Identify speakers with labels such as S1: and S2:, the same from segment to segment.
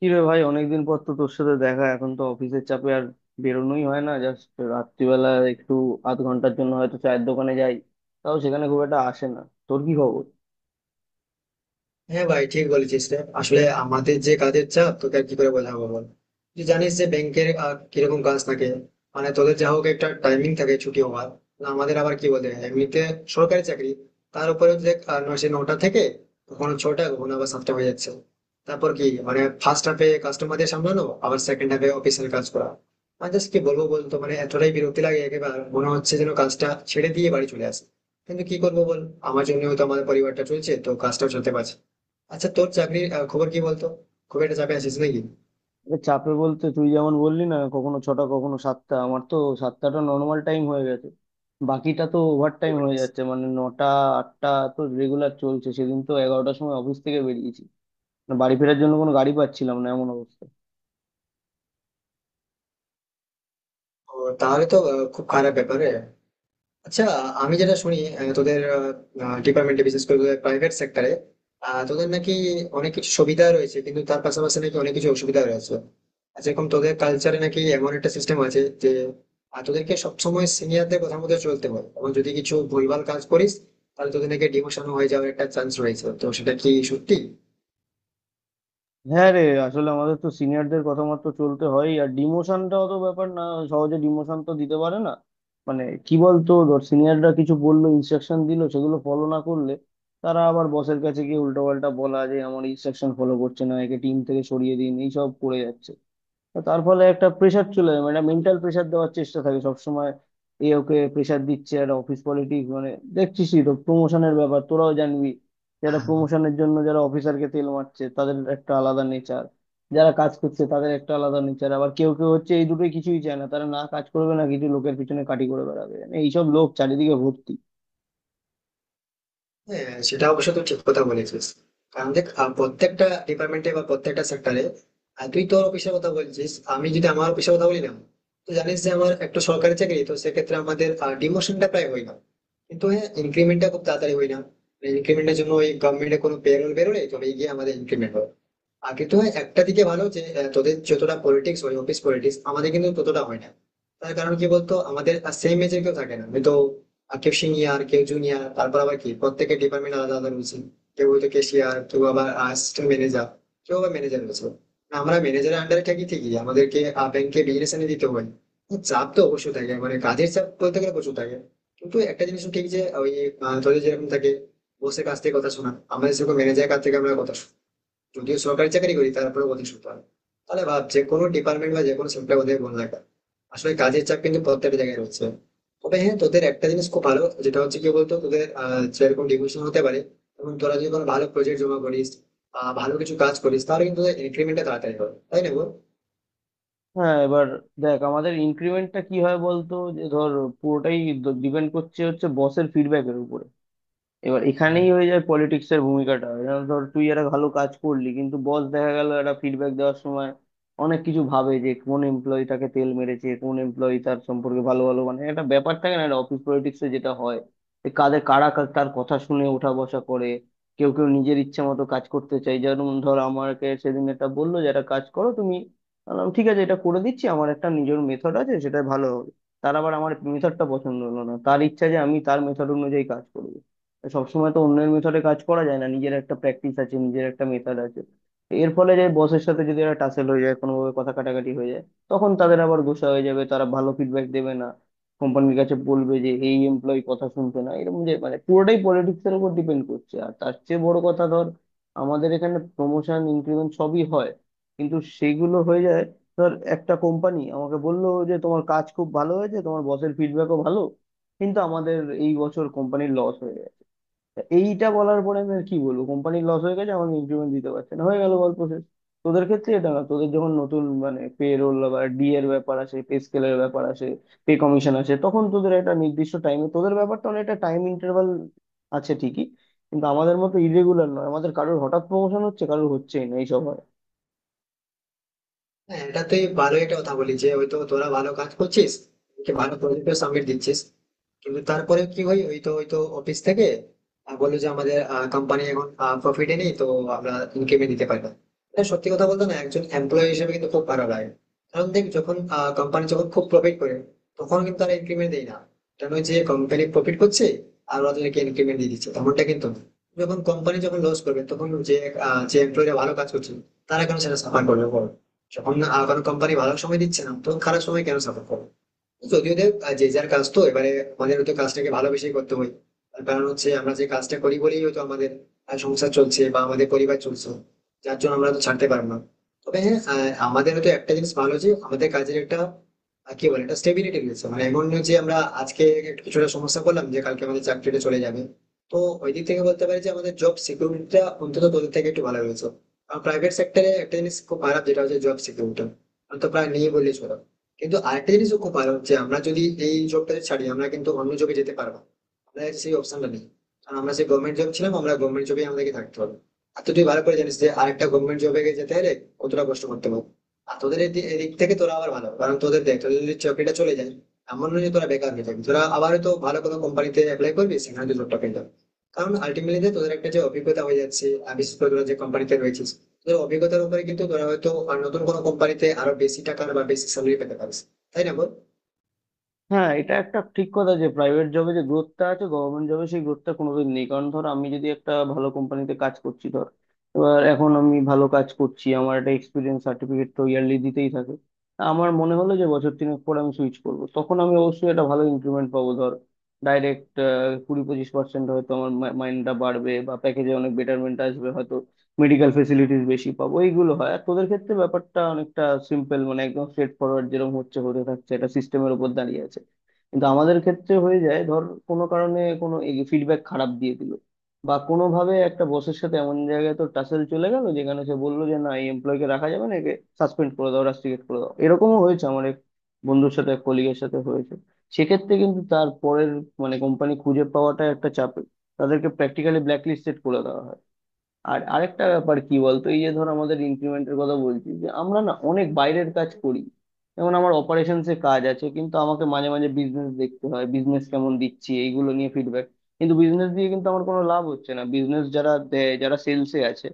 S1: কি রে ভাই, অনেকদিন পর তো তোর সাথে দেখা। এখন তো অফিসের চাপে আর বেরোনোই হয় না। জাস্ট রাত্রিবেলা একটু আধ ঘন্টার জন্য হয়তো চায়ের দোকানে যাই, তাও সেখানে খুব একটা আসে না। তোর কি খবর?
S2: হ্যাঁ ভাই, ঠিক বলেছিস রে। আসলে আমাদের যে কাজের চাপ তোকে আর কি করে বোঝাবো বল। তুই জানিস যে ব্যাংকের কিরকম কাজ থাকে। মানে তোদের যা হোক একটা টাইমিং থাকে ছুটি হওয়ার, না আমাদের আবার কি বলে এমনিতে সরকারি চাকরি। তার উপরে দেখ, নয় সেই 9টা থেকে কখনো 6টা, কখনো আবার 7টা হয়ে যাচ্ছে। তারপর কি মানে, ফার্স্ট হাফে কাস্টমারদের সামলানো, আবার সেকেন্ড হাফে অফিসের কাজ করা। মানে জাস্ট কি বলবো বলতো, মানে এতটাই বিরক্তি লাগে, একেবারে মনে হচ্ছে যেন কাজটা ছেড়ে দিয়ে বাড়ি চলে আসে। কিন্তু কি করবো বল, আমার জন্যও তো আমার পরিবারটা চলছে, তো কাজটাও চলতে পারছে। আচ্ছা, তোর চাকরির খবর কি বলতো, খুব একটা চাপে আছিস নাকি?
S1: এ, চাপে বলতে তুই যেমন বললি না, কখনো 6টা কখনো 7টা, আমার তো 7টাটা নর্মাল টাইম হয়ে গেছে। বাকিটা তো ওভার টাইম হয়ে যাচ্ছে, মানে 9টা 8টা তো রেগুলার চলছে। সেদিন তো 11টার সময় অফিস থেকে বেরিয়েছি, বাড়ি ফেরার জন্য কোনো গাড়ি পাচ্ছিলাম না, এমন অবস্থা।
S2: ও, তাহলে তো খুব খারাপ ব্যাপার রে। আচ্ছা, আমি যেটা শুনি তোদের ডিপার্টমেন্টে, বিশেষ করে তোদের প্রাইভেট সেক্টরে, তোদের নাকি অনেক কিছু সুবিধা রয়েছে, কিন্তু তার পাশাপাশি নাকি অনেক কিছু অসুবিধা রয়েছে। আর যেরকম তোদের কালচারে নাকি এমন একটা সিস্টেম আছে যে তোদেরকে সবসময় সিনিয়রদের কথা মতো চলতে হয়, এবং যদি কিছু ভুলভাল কাজ করিস, তাহলে তোদের নাকি ডিমোশন হয়ে যাওয়ার একটা চান্স রয়েছে। তো সেটা কি সত্যি?
S1: হ্যাঁ রে, আসলে আমাদের তো সিনিয়রদের কথা মতো চলতে হয়, আর ডিমোশনটা অত ব্যাপার না, সহজে ডিমোশন তো দিতে পারে না। মানে কি বলতো, ধর সিনিয়ররা কিছু বললো, ইনস্ট্রাকশন দিল, সেগুলো ফলো না করলে তারা আবার বসের কাছে গিয়ে উল্টো পাল্টা বলা, যে আমার ইনস্ট্রাকশন ফলো করছে না, একে টিম থেকে সরিয়ে দিন, এইসব করে যাচ্ছে। তো তার ফলে একটা প্রেশার চলে আসে, মানে মেন্টাল প্রেশার দেওয়ার চেষ্টা থাকে সবসময়। এ ওকে প্রেশার দিচ্ছে, একটা অফিস পলিটিক্স, মানে দেখছিসই তো। প্রমোশনের ব্যাপার তোরাও জানবি, যারা
S2: হ্যাঁ।
S1: প্রমোশনের জন্য যারা অফিসারকে তেল মারছে, তাদের একটা আলাদা নেচার। যারা কাজ করছে তাদের একটা আলাদা নেচার, আবার কেউ কেউ হচ্ছে এই দুটোই কিছুই চায় না, তারা না কাজ করবে না কিছু, লোকের পিছনে কাটি করে বেড়াবে, মানে এইসব লোক চারিদিকে ভর্তি।
S2: হ্যাঁ, সেটা অবশ্য তুই ঠিক কথা বলেছিস। কারণ দেখ, প্রত্যেকটা ডিপার্টমেন্টে বা প্রত্যেকটা সেক্টরে, তুই তোর অফিসের কথা বলছিস, আমি যদি আমার অফিসের কথা বলি না, তো জানিস যে আমার একটা সরকারি চাকরি। তো সেক্ষেত্রে আমাদের ডিমোশনটা প্রায় হয় না, কিন্তু হ্যাঁ ইনক্রিমেন্টটা খুব তাড়াতাড়ি হয় না। ইনক্রিমেন্টের জন্য ওই গভর্নমেন্টের কোনো পেরোল বেরোলে তবে গিয়ে আমাদের ইনক্রিমেন্ট হয়। আর কিন্তু একটা দিকে ভালো যে তোদের যতটা পলিটিক্স, ওই অফিস পলিটিক্স, আমাদের কিন্তু ততটা হয় না। তার কারণ কি বলতো, আমাদের সেম এজের কেউ থাকে না হয়তো। কেউ সিনিয়র, কেউ জুনিয়র, তারপর আবার কি প্রত্যেকের ডিপার্টমেন্ট আলাদা আলাদা রয়েছে। কেউ হয়তো ক্যাশিয়ার, কেউ আবার অ্যাসিস্ট্যান্ট ম্যানেজার, কেউ আবার ম্যানেজার রয়েছে। না, আমরা ম্যানেজারের আন্ডারে থাকি ঠিকই, আমাদেরকে ব্যাংকে বিজনেস এনে দিতে হয়। তো চাপ তো অবশ্যই থাকে, মানে কাজের চাপ বলতে গেলে প্রচুর থাকে। কিন্তু একটা জিনিস ঠিক যে ওই তোদের যেরকম থাকে বসের কাছ থেকে কথা শোনা, আমাদের সেরকম ম্যানেজারের কাছ থেকে আমরা কথা শুনি। যদিও সরকারি চাকরি করি, তারপরে ওদের শুনতে হয়। তাহলে ভাব যে কোনো ডিপার্টমেন্ট বা যে কোনো সেক্টর ওদের বন্ধ রাখা। আসলে কাজের চাপ কিন্তু প্রত্যেকটা জায়গায় রয়েছে। তবে হ্যাঁ তোদের একটা জিনিস খুব ভালো, যেটা হচ্ছে কি বলতো, তোদের যেরকম ডিভিশন হতে পারে, এবং তোরা যদি কোনো ভালো প্রজেক্ট জমা করিস, ভালো কিছু কাজ করিস, তাহলে কিন্তু ইনক্রিমেন্টটা তাড়াতাড়ি হবে, তাই না গো?
S1: হ্যাঁ এবার দেখ, আমাদের ইনক্রিমেন্টটা কি হয় বলতো। যে ধর, পুরোটাই ডিপেন্ড করছে হচ্ছে বসের ফিডব্যাকের উপরে। এবার এখানেই হয়ে যায় পলিটিক্স এর ভূমিকাটা। যেমন ধর, তুই একটা ভালো কাজ করলি, কিন্তু বস দেখা গেল একটা ফিডব্যাক দেওয়ার সময় অনেক কিছু ভাবে, যে কোন এমপ্লয়িটাকে তেল মেরেছে, কোন এমপ্লয়ি তার সম্পর্কে ভালো ভালো, মানে একটা ব্যাপার থাকে না, একটা অফিস পলিটিক্সে যেটা হয়, যে কাদের কারা তার কথা শুনে ওঠা বসা করে। কেউ কেউ নিজের ইচ্ছা মতো কাজ করতে চায়। যেমন ধর, আমাকে সেদিন এটা বললো যে একটা কাজ করো তুমি। আমি বললাম, ঠিক আছে, এটা করে দিচ্ছি, আমার একটা নিজের মেথড আছে, সেটা ভালো হবে। তার আবার আমার মেথডটা পছন্দ হলো না, তার ইচ্ছা যে আমি তার মেথড অনুযায়ী কাজ করবো। সবসময় তো অন্যের মেথডে কাজ করা যায় না, নিজের একটা প্র্যাকটিস আছে, নিজের একটা মেথড আছে। এর ফলে যে বসের সাথে যদি একটা টাসেল হয়ে যায়, কোনোভাবে কথা কাটাকাটি হয়ে যায়, তখন তাদের আবার গোসা হয়ে যাবে, তারা ভালো ফিডব্যাক দেবে না, কোম্পানির কাছে বলবে যে এই এমপ্লয়ি কথা শুনছে না, এরকম। যে মানে পুরোটাই পলিটিক্স এর উপর ডিপেন্ড করছে। আর তার চেয়ে বড় কথা ধর, আমাদের এখানে প্রমোশন ইনক্রিমেন্ট সবই হয়, কিন্তু সেগুলো হয়ে যায়। ধর একটা কোম্পানি আমাকে বললো যে তোমার কাজ খুব ভালো হয়েছে, তোমার বসের ফিডব্যাকও ভালো, কিন্তু আমাদের এই বছর কোম্পানির লস হয়ে গেছে। তা এইটা বলার পরে আমি আর কি বলবো? কোম্পানির লস হয়ে গেছে, আমাকে ইনক্রিমেন্ট দিতে পারছে না, হয়ে গেল গল্প শেষ। তোদের ক্ষেত্রে এটা না, তোদের যখন নতুন মানে পে রোল বা ডি এর ব্যাপার আসে, পে স্কেলের ব্যাপার আসে, পে কমিশন আসে, তখন তোদের একটা নির্দিষ্ট টাইমে তোদের ব্যাপারটা অনেকটা টাইম ইন্টারভাল আছে ঠিকই, কিন্তু আমাদের মতো ইরেগুলার নয়। আমাদের কারোর হঠাৎ প্রমোশন হচ্ছে, কারোর হচ্ছেই না, এইসব হয়।
S2: হ্যাঁ, এটা তুই ভালো একটা কথা বলি যে হয়তো তোরা ভালো কাজ করছিস, কি ভালো প্রজেক্ট সাবমিট দিচ্ছিস, কিন্তু তারপরে কি হয়, ওই তো ওই তো অফিস থেকে বললো যে আমাদের কোম্পানি এখন প্রফিটে নেই, তো আমরা ইনকামে দিতে পারি না। এটা সত্যি কথা বলতে না, একজন এমপ্লয়ি হিসেবে কিন্তু খুব খারাপ লাগে। কারণ দেখ, যখন কোম্পানি যখন খুব প্রফিট করে, তখন কিন্তু তারা ইনক্রিমেন্ট দেয় না। এটা নয় যে কোম্পানি প্রফিট করছে আর ওরা তাদেরকে ইনক্রিমেন্ট দিয়ে দিচ্ছে, তেমনটা কিন্তু না। যখন কোম্পানি যখন লস করবে, তখন যে যে এমপ্লয়িরা ভালো কাজ করছে, তারা কেন সেটা সাফার করবে বল? যখন কোনো কোম্পানি ভালো সময় দিচ্ছে না, তখন খারাপ সময় কেন সাপোর্ট করবে? যদিও দেব যে যার কাজ, তো এবারে আমাদের তো কাজটাকে ভালোবেসেই করতে হয়। তার কারণ হচ্ছে আমরা যে কাজটা করি বলেই হয়তো আমাদের সংসার চলছে বা আমাদের পরিবার চলছে। যার জন্য আমরা তো ছাড়তে পারবো না। তবে হ্যাঁ, আমাদের হয়তো একটা জিনিস ভালো, যে আমাদের কাজের একটা কি বলে, একটা স্টেবিলিটি রয়েছে। মানে এমন নয় যে আমরা আজকে একটু কিছুটা সমস্যা করলাম যে কালকে আমাদের চাকরিটা চলে যাবে। তো ওই দিক থেকে বলতে পারি যে আমাদের জব সিকিউরিটিটা অন্তত তোদের থেকে একটু ভালো রয়েছে। আর প্রাইভেট সেক্টরে একটা জিনিস খুব খারাপ, যেটা হচ্ছে জব সিকিউরিটি তো প্রায় নেই বললেই চলে। কিন্তু আরেকটা জিনিসও খুব ভালো হচ্ছে, আমরা যদি এই জবটা ছাড়ি, আমরা কিন্তু অন্য জবে যেতে পারবো, আমাদের সেই অপশনটা নেই। কারণ আমরা সেই গভর্নমেন্ট জব ছিলাম, আমরা গভর্নমেন্ট জবে আমাদেরকে থাকতে হবে। আর তো তুই ভালো করে জানিস যে আরেকটা গভর্নমেন্ট জবে যেতে হলে কতটা কষ্ট করতে হবে। আর তোদের এই দিক থেকে তোরা আবার ভালো, কারণ তোদের দেখ, তোদের যদি চাকরিটা চলে যায়, এমন নয় যে তোরা বেকার হয়ে যাবি। তোরা আবার হয়তো ভালো কোনো কোম্পানিতে অ্যাপ্লাই করবি, সেখানে তুই জবটা পেয়ে যাবি। কারণ আলটিমেটলি তোদের একটা যে অভিজ্ঞতা হয়ে যাচ্ছে, আর বিশেষ করে তোরা যে কোম্পানিতে রয়েছিস, তোদের অভিজ্ঞতার উপরে কিন্তু তোরা হয়তো আর নতুন কোনো কোম্পানিতে আরো বেশি টাকার বা বেশি স্যালারি পেতে পারিস। তাই না বল?
S1: হ্যাঁ এটা একটা ঠিক কথা যে প্রাইভেট জবে যে গ্রোথটা আছে, গভর্নমেন্ট জবে সেই গ্রোথটা কোনোদিন নেই। কারণ ধর, আমি যদি একটা ভালো কোম্পানিতে কাজ করছি, ধর এবার এখন আমি ভালো কাজ করছি, আমার একটা এক্সপিরিয়েন্স সার্টিফিকেট তো ইয়ারলি দিতেই থাকে। আমার মনে হলো যে বছর তিনেক পর আমি সুইচ করব, তখন আমি অবশ্যই একটা ভালো ইনক্রিমেন্ট পাবো। ধর ডাইরেক্ট 20-25% হয়তো আমার মাইনেটা বাড়বে, বা প্যাকেজে অনেক বেটারমেন্ট আসবে হয়তো, মেডিকেল ফেসিলিটিস বেশি পাবো, এইগুলো হয়। আর তোদের ক্ষেত্রে ব্যাপারটা অনেকটা সিম্পল, মানে একদম স্ট্রেট ফরওয়ার্ড, যেরকম হচ্ছে হতে থাকছে, একটা সিস্টেমের উপর দাঁড়িয়ে আছে। কিন্তু আমাদের ক্ষেত্রে হয়ে যায়, ধর কোনো কারণে কোনো ফিডব্যাক খারাপ দিয়ে দিল, বা কোনোভাবে একটা বসের সাথে এমন জায়গায় তো টাসেল চলে গেল, যেখানে সে বললো যে না, এই এমপ্লয়কে রাখা যাবে না, একে সাসপেন্ড করে দাও, রাস্টিকেট করে দাও। এরকমও হয়েছে আমার এক বন্ধুর সাথে, এক কলিগের সাথে হয়েছে। সেক্ষেত্রে কিন্তু তার পরের মানে কোম্পানি খুঁজে পাওয়াটা একটা চাপের, তাদেরকে প্র্যাকটিক্যালি ব্ল্যাক লিস্টেড করে দেওয়া হয়। আর আরেকটা ব্যাপার কি বলতো, এই যে ধর আমাদের ইনক্রিমেন্টের কথা বলছি, যে আমরা না অনেক বাইরের কাজ করি। যেমন আমার অপারেশনস এর কাজ আছে, কিন্তু আমাকে মাঝে মাঝে বিজনেস দেখতে হয়, বিজনেস কেমন দিচ্ছি এইগুলো নিয়ে ফিডব্যাক। কিন্তু বিজনেস দিয়ে কিন্তু আমার কোনো লাভ হচ্ছে না। বিজনেস যারা দেয়, যারা সেলসে আছে,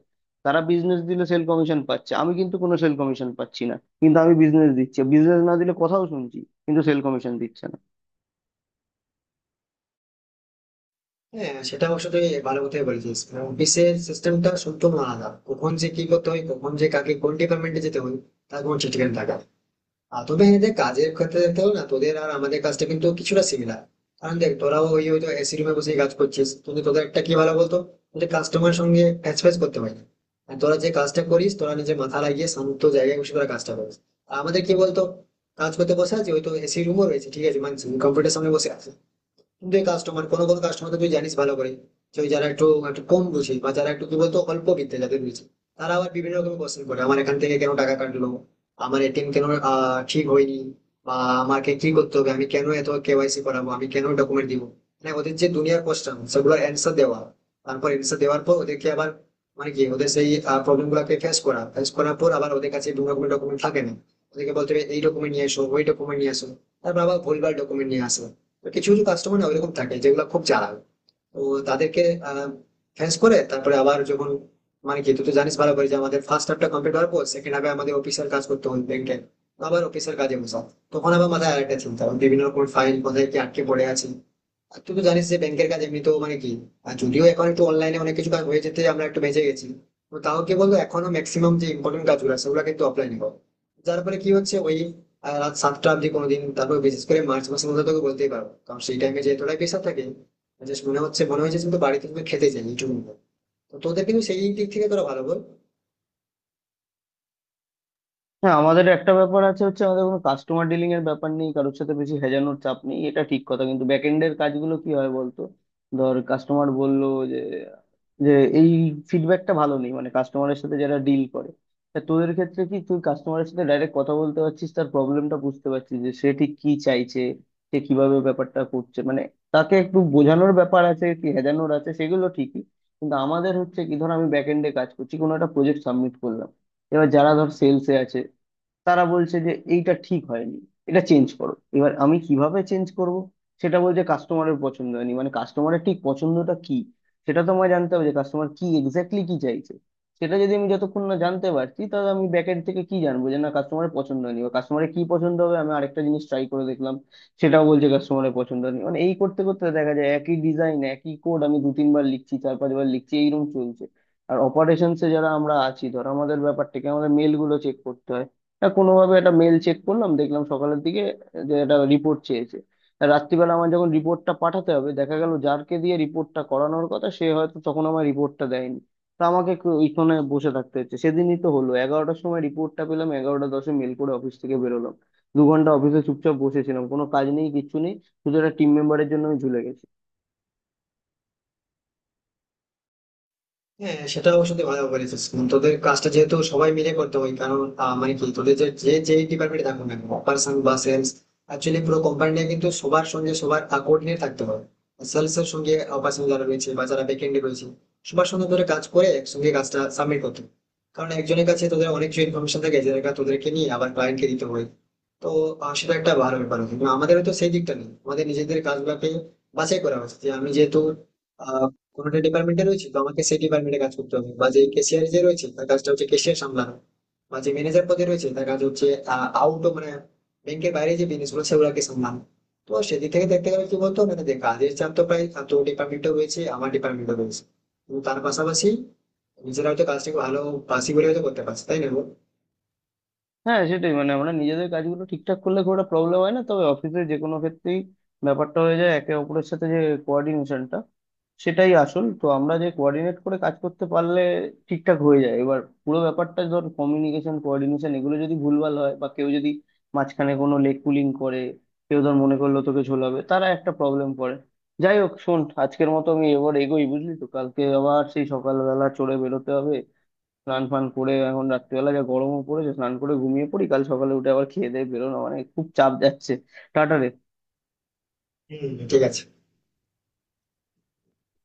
S1: তারা বিজনেস দিলে সেল কমিশন পাচ্ছে, আমি কিন্তু কোনো সেল কমিশন পাচ্ছি না। কিন্তু আমি বিজনেস দিচ্ছি, বিজনেস না দিলে কথাও শুনছি, কিন্তু সেল কমিশন দিচ্ছে না।
S2: হ্যাঁ, সেটা অবশ্য তুই ভালো কথাই বলেছিস। মানে অফিসের সিস্টেমটা সম্পূর্ণ আলাদা, কখন যে কি করতে হয়, কখন যে কাকে কোন ডিপার্টমেন্টে যেতে হয়, তার কোনো ঠিক ঠিকানা থাকে না। আর তবে এদের কাজের ক্ষেত্রে দেখতে হলে না, তোদের আর আমাদের কাজটা কিন্তু কিছুটা সিমিলার। কারণ দেখ, তোরাও ওই হয়তো এসি রুমে বসে কাজ করছিস, কিন্তু তোদের একটা কি ভালো বলতো, তোদের কাস্টমারের সঙ্গে ফেস ফেস করতে হয় না। আর তোরা যে কাজটা করিস, তোরা নিজে মাথা লাগিয়ে শান্ত জায়গায় বসে তোরা কাজটা করিস। আর আমাদের কি বলতো, কাজ করতে বসে আছি, হয়তো এসি রুমও রয়েছে, ঠিক আছে মানছি, কম্পিউটার সামনে বসে আছি, যে কাস্টমার, কোনো কোনো কাস্টমার তুই জানিস ভালো করে, যে ওই যারা একটু একটু কম বুঝে, বা যারা একটু কি বলতো অল্প বিদ্যে যাদের বুঝে, তারা আবার বিভিন্ন রকম কোশ্চেন করে, আমার এখান থেকে কেন টাকা কাটলো, আমার এটিএম কেন ঠিক হয়নি, বা আমাকে কি করতে হবে, আমি কেন এত কেওয়াইসি করাবো, আমি কেন ডকুমেন্ট দিব। মানে ওদের যে দুনিয়ার কোশ্চেন, সেগুলোর অ্যান্সার দেওয়া। তারপর অ্যান্সার দেওয়ার পর ওদেরকে আবার মানে কি ওদের সেই প্রবলেম গুলাকে ফেস করা। ফেস করার পর আবার ওদের কাছে বিভিন্ন রকমের ডকুমেন্ট থাকে না, ওদেরকে বলতে হবে এই ডকুমেন্ট নিয়ে এসো, ওই ডকুমেন্ট নিয়ে এসো। তারপর আবার ভুলভাল ডকুমেন্ট নিয়ে আসো। তো কিছু কিছু কাস্টমার না ওইরকম থাকে, যেগুলো খুব চালাক, তো তাদেরকে ফেন্স করে তারপরে আবার যখন, মানে কি তুই তো জানিস ভালো করে যে আমাদের ফার্স্ট হাফটা কমপ্লিট হওয়ার পর সেকেন্ড হাফে আমাদের অফিসের কাজ করতে হয় ব্যাংকে। আবার অফিসের কাজে বসা, তখন আবার মাথায় আরেকটা চিন্তা, বিভিন্ন রকম ফাইল কোথায় কি আটকে পড়ে আছে। আর তুই তো জানিস যে ব্যাংকের কাজ এমনিতেও মানে কি, আর যদিও এখন একটু অনলাইনে অনেক কিছু কাজ হয়ে যেতে আমরা একটু বেঁচে গেছি। তো তাও কি বলতো, এখনো ম্যাক্সিমাম যে ইম্পর্টেন্ট কাজগুলো আছে, সেগুলো কিন্তু অফলাইনে হয়। যার ফলে কি হচ্ছে, ওই রাত 7টা অবধি কোনোদিন, তারপর বিশেষ করে মার্চ মাসের মধ্যে তোকে বলতেই পারবো, কারণ সেই টাইমে যে এতটাই পেশা থাকে, জাস্ট মনে হচ্ছে, মনে হয়েছে তুমি বাড়িতে, তুমি খেতে চাই এইটুকু। তো তোদের কিন্তু সেই দিক থেকে তোরা ভালো বল।
S1: হ্যাঁ আমাদের একটা ব্যাপার আছে হচ্ছে, আমাদের কোনো কাস্টমার ডিলিং এর ব্যাপার নেই, কারোর সাথে বেশি হেজানোর চাপ নেই, এটা ঠিক কথা। কিন্তু ব্যাক এন্ডের কাজগুলো কি হয় বলতো? ধর কাস্টমার বললো যে যে এই ফিডব্যাকটা ভালো নেই, মানে কাস্টমারের সাথে যারা ডিল করে। তা তোদের ক্ষেত্রে কি তুই কাস্টমারের সাথে ডাইরেক্ট কথা বলতে পারছিস, তার প্রবলেমটা বুঝতে পারছিস যে সে ঠিক কি চাইছে, সে কিভাবে ব্যাপারটা করছে, মানে তাকে একটু বোঝানোর ব্যাপার আছে, কি হেজানোর আছে, সেগুলো ঠিকই। কিন্তু আমাদের হচ্ছে কি, ধর আমি ব্যাক এন্ডে কাজ করছি, কোনো একটা প্রজেক্ট সাবমিট করলাম, এবার যারা ধর সেলসে আছে, তারা বলছে যে এইটা ঠিক হয়নি, এটা চেঞ্জ করো। এবার আমি কিভাবে চেঞ্জ করব? সেটা বলছে কাস্টমারের পছন্দ হয়নি, মানে কাস্টমারের ঠিক পছন্দটা কি, সেটা তো আমায় জানতে হবে, যে কাস্টমার কি এক্স্যাক্টলি কি চাইছে। সেটা যদি আমি যতক্ষণ না জানতে পারছি, তাহলে আমি ব্যাকএন্ড থেকে কি জানবো যে না, কাস্টমারের পছন্দ হয়নি, বা কাস্টমারের কি পছন্দ হবে? আমি আরেকটা জিনিস ট্রাই করে দেখলাম, সেটাও বলছে কাস্টমারের পছন্দ হয়নি। মানে এই করতে করতে দেখা যায়, একই ডিজাইন একই কোড আমি দু তিনবার লিখছি, চার পাঁচবার লিখছি, এইরকম চলছে। আর অপারেশনসে যারা আমরা আছি, ধর আমাদের ব্যাপারটাকে আমাদের মেল গুলো চেক করতে হয়। তা কোনোভাবে একটা মেল চেক করলাম, দেখলাম সকালের দিকে যে একটা রিপোর্ট চেয়েছে। তা রাত্রিবেলা আমার যখন রিপোর্টটা পাঠাতে হবে, দেখা গেল যারকে দিয়ে রিপোর্টটা করানোর কথা, সে হয়তো তখন আমার রিপোর্টটা দেয়নি। তা আমাকে একটু ওইখানে বসে থাকতে হচ্ছে। সেদিনই তো হলো 11টার সময় রিপোর্টটা পেলাম, 11টা 10-এ মেল করে অফিস থেকে বেরোলাম। 2 ঘন্টা অফিসে চুপচাপ বসেছিলাম, কোনো কাজ নেই, কিচ্ছু নেই, শুধু একটা টিম মেম্বারের জন্য আমি ঝুলে গেছি।
S2: হ্যাঁ, সেটা অবশ্য তুই ভালো বলেছিস। তোদের কাজটা যেহেতু সবাই মিলে করতে হয়, কারণ মানে কি তোদের যে যে যে ডিপার্টমেন্টে থাকুক না, অপারেশন বা সেলস, অ্যাকচুয়ালি পুরো কোম্পানিটা কিন্তু সবার সঙ্গে সবার কোঅর্ডিনেট থাকতে হবে। সেলস এর সঙ্গে অপারেশন যারা রয়েছে বা যারা ব্যাকএন্ডে রয়েছে, সবার সঙ্গে তোদের কাজ করে একসঙ্গে কাজটা সাবমিট করতে হবে। কারণ একজনের কাছে তোদের অনেক কিছু ইনফরমেশন থাকে, যেটা তোদেরকে নিয়ে আবার ক্লায়েন্টকে দিতে হয়। তো সেটা একটা ভালো ব্যাপার, কিন্তু আমাদের তো সেই দিকটা নেই। আমাদের নিজেদের কাজগুলোকে বাছাই করা হয়েছে, যে আমি যেহেতু কোনোটা ডিপার্টমেন্টে রয়েছে, তো আমাকে সেই ডিপার্টমেন্টে কাজ করতে হবে। বা যে ক্যাশিয়ার যে রয়েছে, তার কাজটা হচ্ছে ক্যাশিয়ার সামলানো। বা যে ম্যানেজার পদে রয়েছে, তার কাজ হচ্ছে আউট মানে ব্যাংকের বাইরে যে বিজনেস গুলো, সেগুলোকে সামলানো। তো সেদিক থেকে দেখতে গেলে কি বলতো, মানে দেখ কাজের চাপ তো প্রায়, তো ডিপার্টমেন্টও রয়েছে, আমার ডিপার্টমেন্টও রয়েছে। তো তার পাশাপাশি নিজেরা হয়তো কাজটাকে ভালো বাসি বলে হয়তো করতে পারছে, তাই না বল?
S1: হ্যাঁ সেটাই, মানে আমরা নিজেদের কাজগুলো ঠিকঠাক করলে খুব একটা প্রবলেম হয় না। তবে অফিসের যে কোনো ক্ষেত্রেই ব্যাপারটা হয়ে যায় একে অপরের সাথে যে কোঅর্ডিনেশনটা, সেটাই আসল। তো আমরা যে কোঅর্ডিনেট করে কাজ করতে পারলে ঠিকঠাক হয়ে যায়। এবার পুরো ব্যাপারটা ধর কমিউনিকেশন কোঅর্ডিনেশন, এগুলো যদি ভুলভাল হয়, বা কেউ যদি মাঝখানে কোনো লেগ পুলিং করে, কেউ ধর মনে করলো তোকে ঝোলাবে, তারা একটা প্রবলেম করে। যাই হোক, শোন, আজকের মতো আমি এবার এগোই, বুঝলি তো, কালকে আবার সেই সকালবেলা চড়ে বেরোতে হবে। স্নান ফান করে, এখন রাত্রিবেলা যা গরমও পড়েছে, স্নান করে ঘুমিয়ে পড়ি, কাল সকালে উঠে আবার খেয়ে দিয়ে বেরোনো, মানে খুব চাপ যাচ্ছে। টাটা রে।
S2: হুম, ঠিক আছে।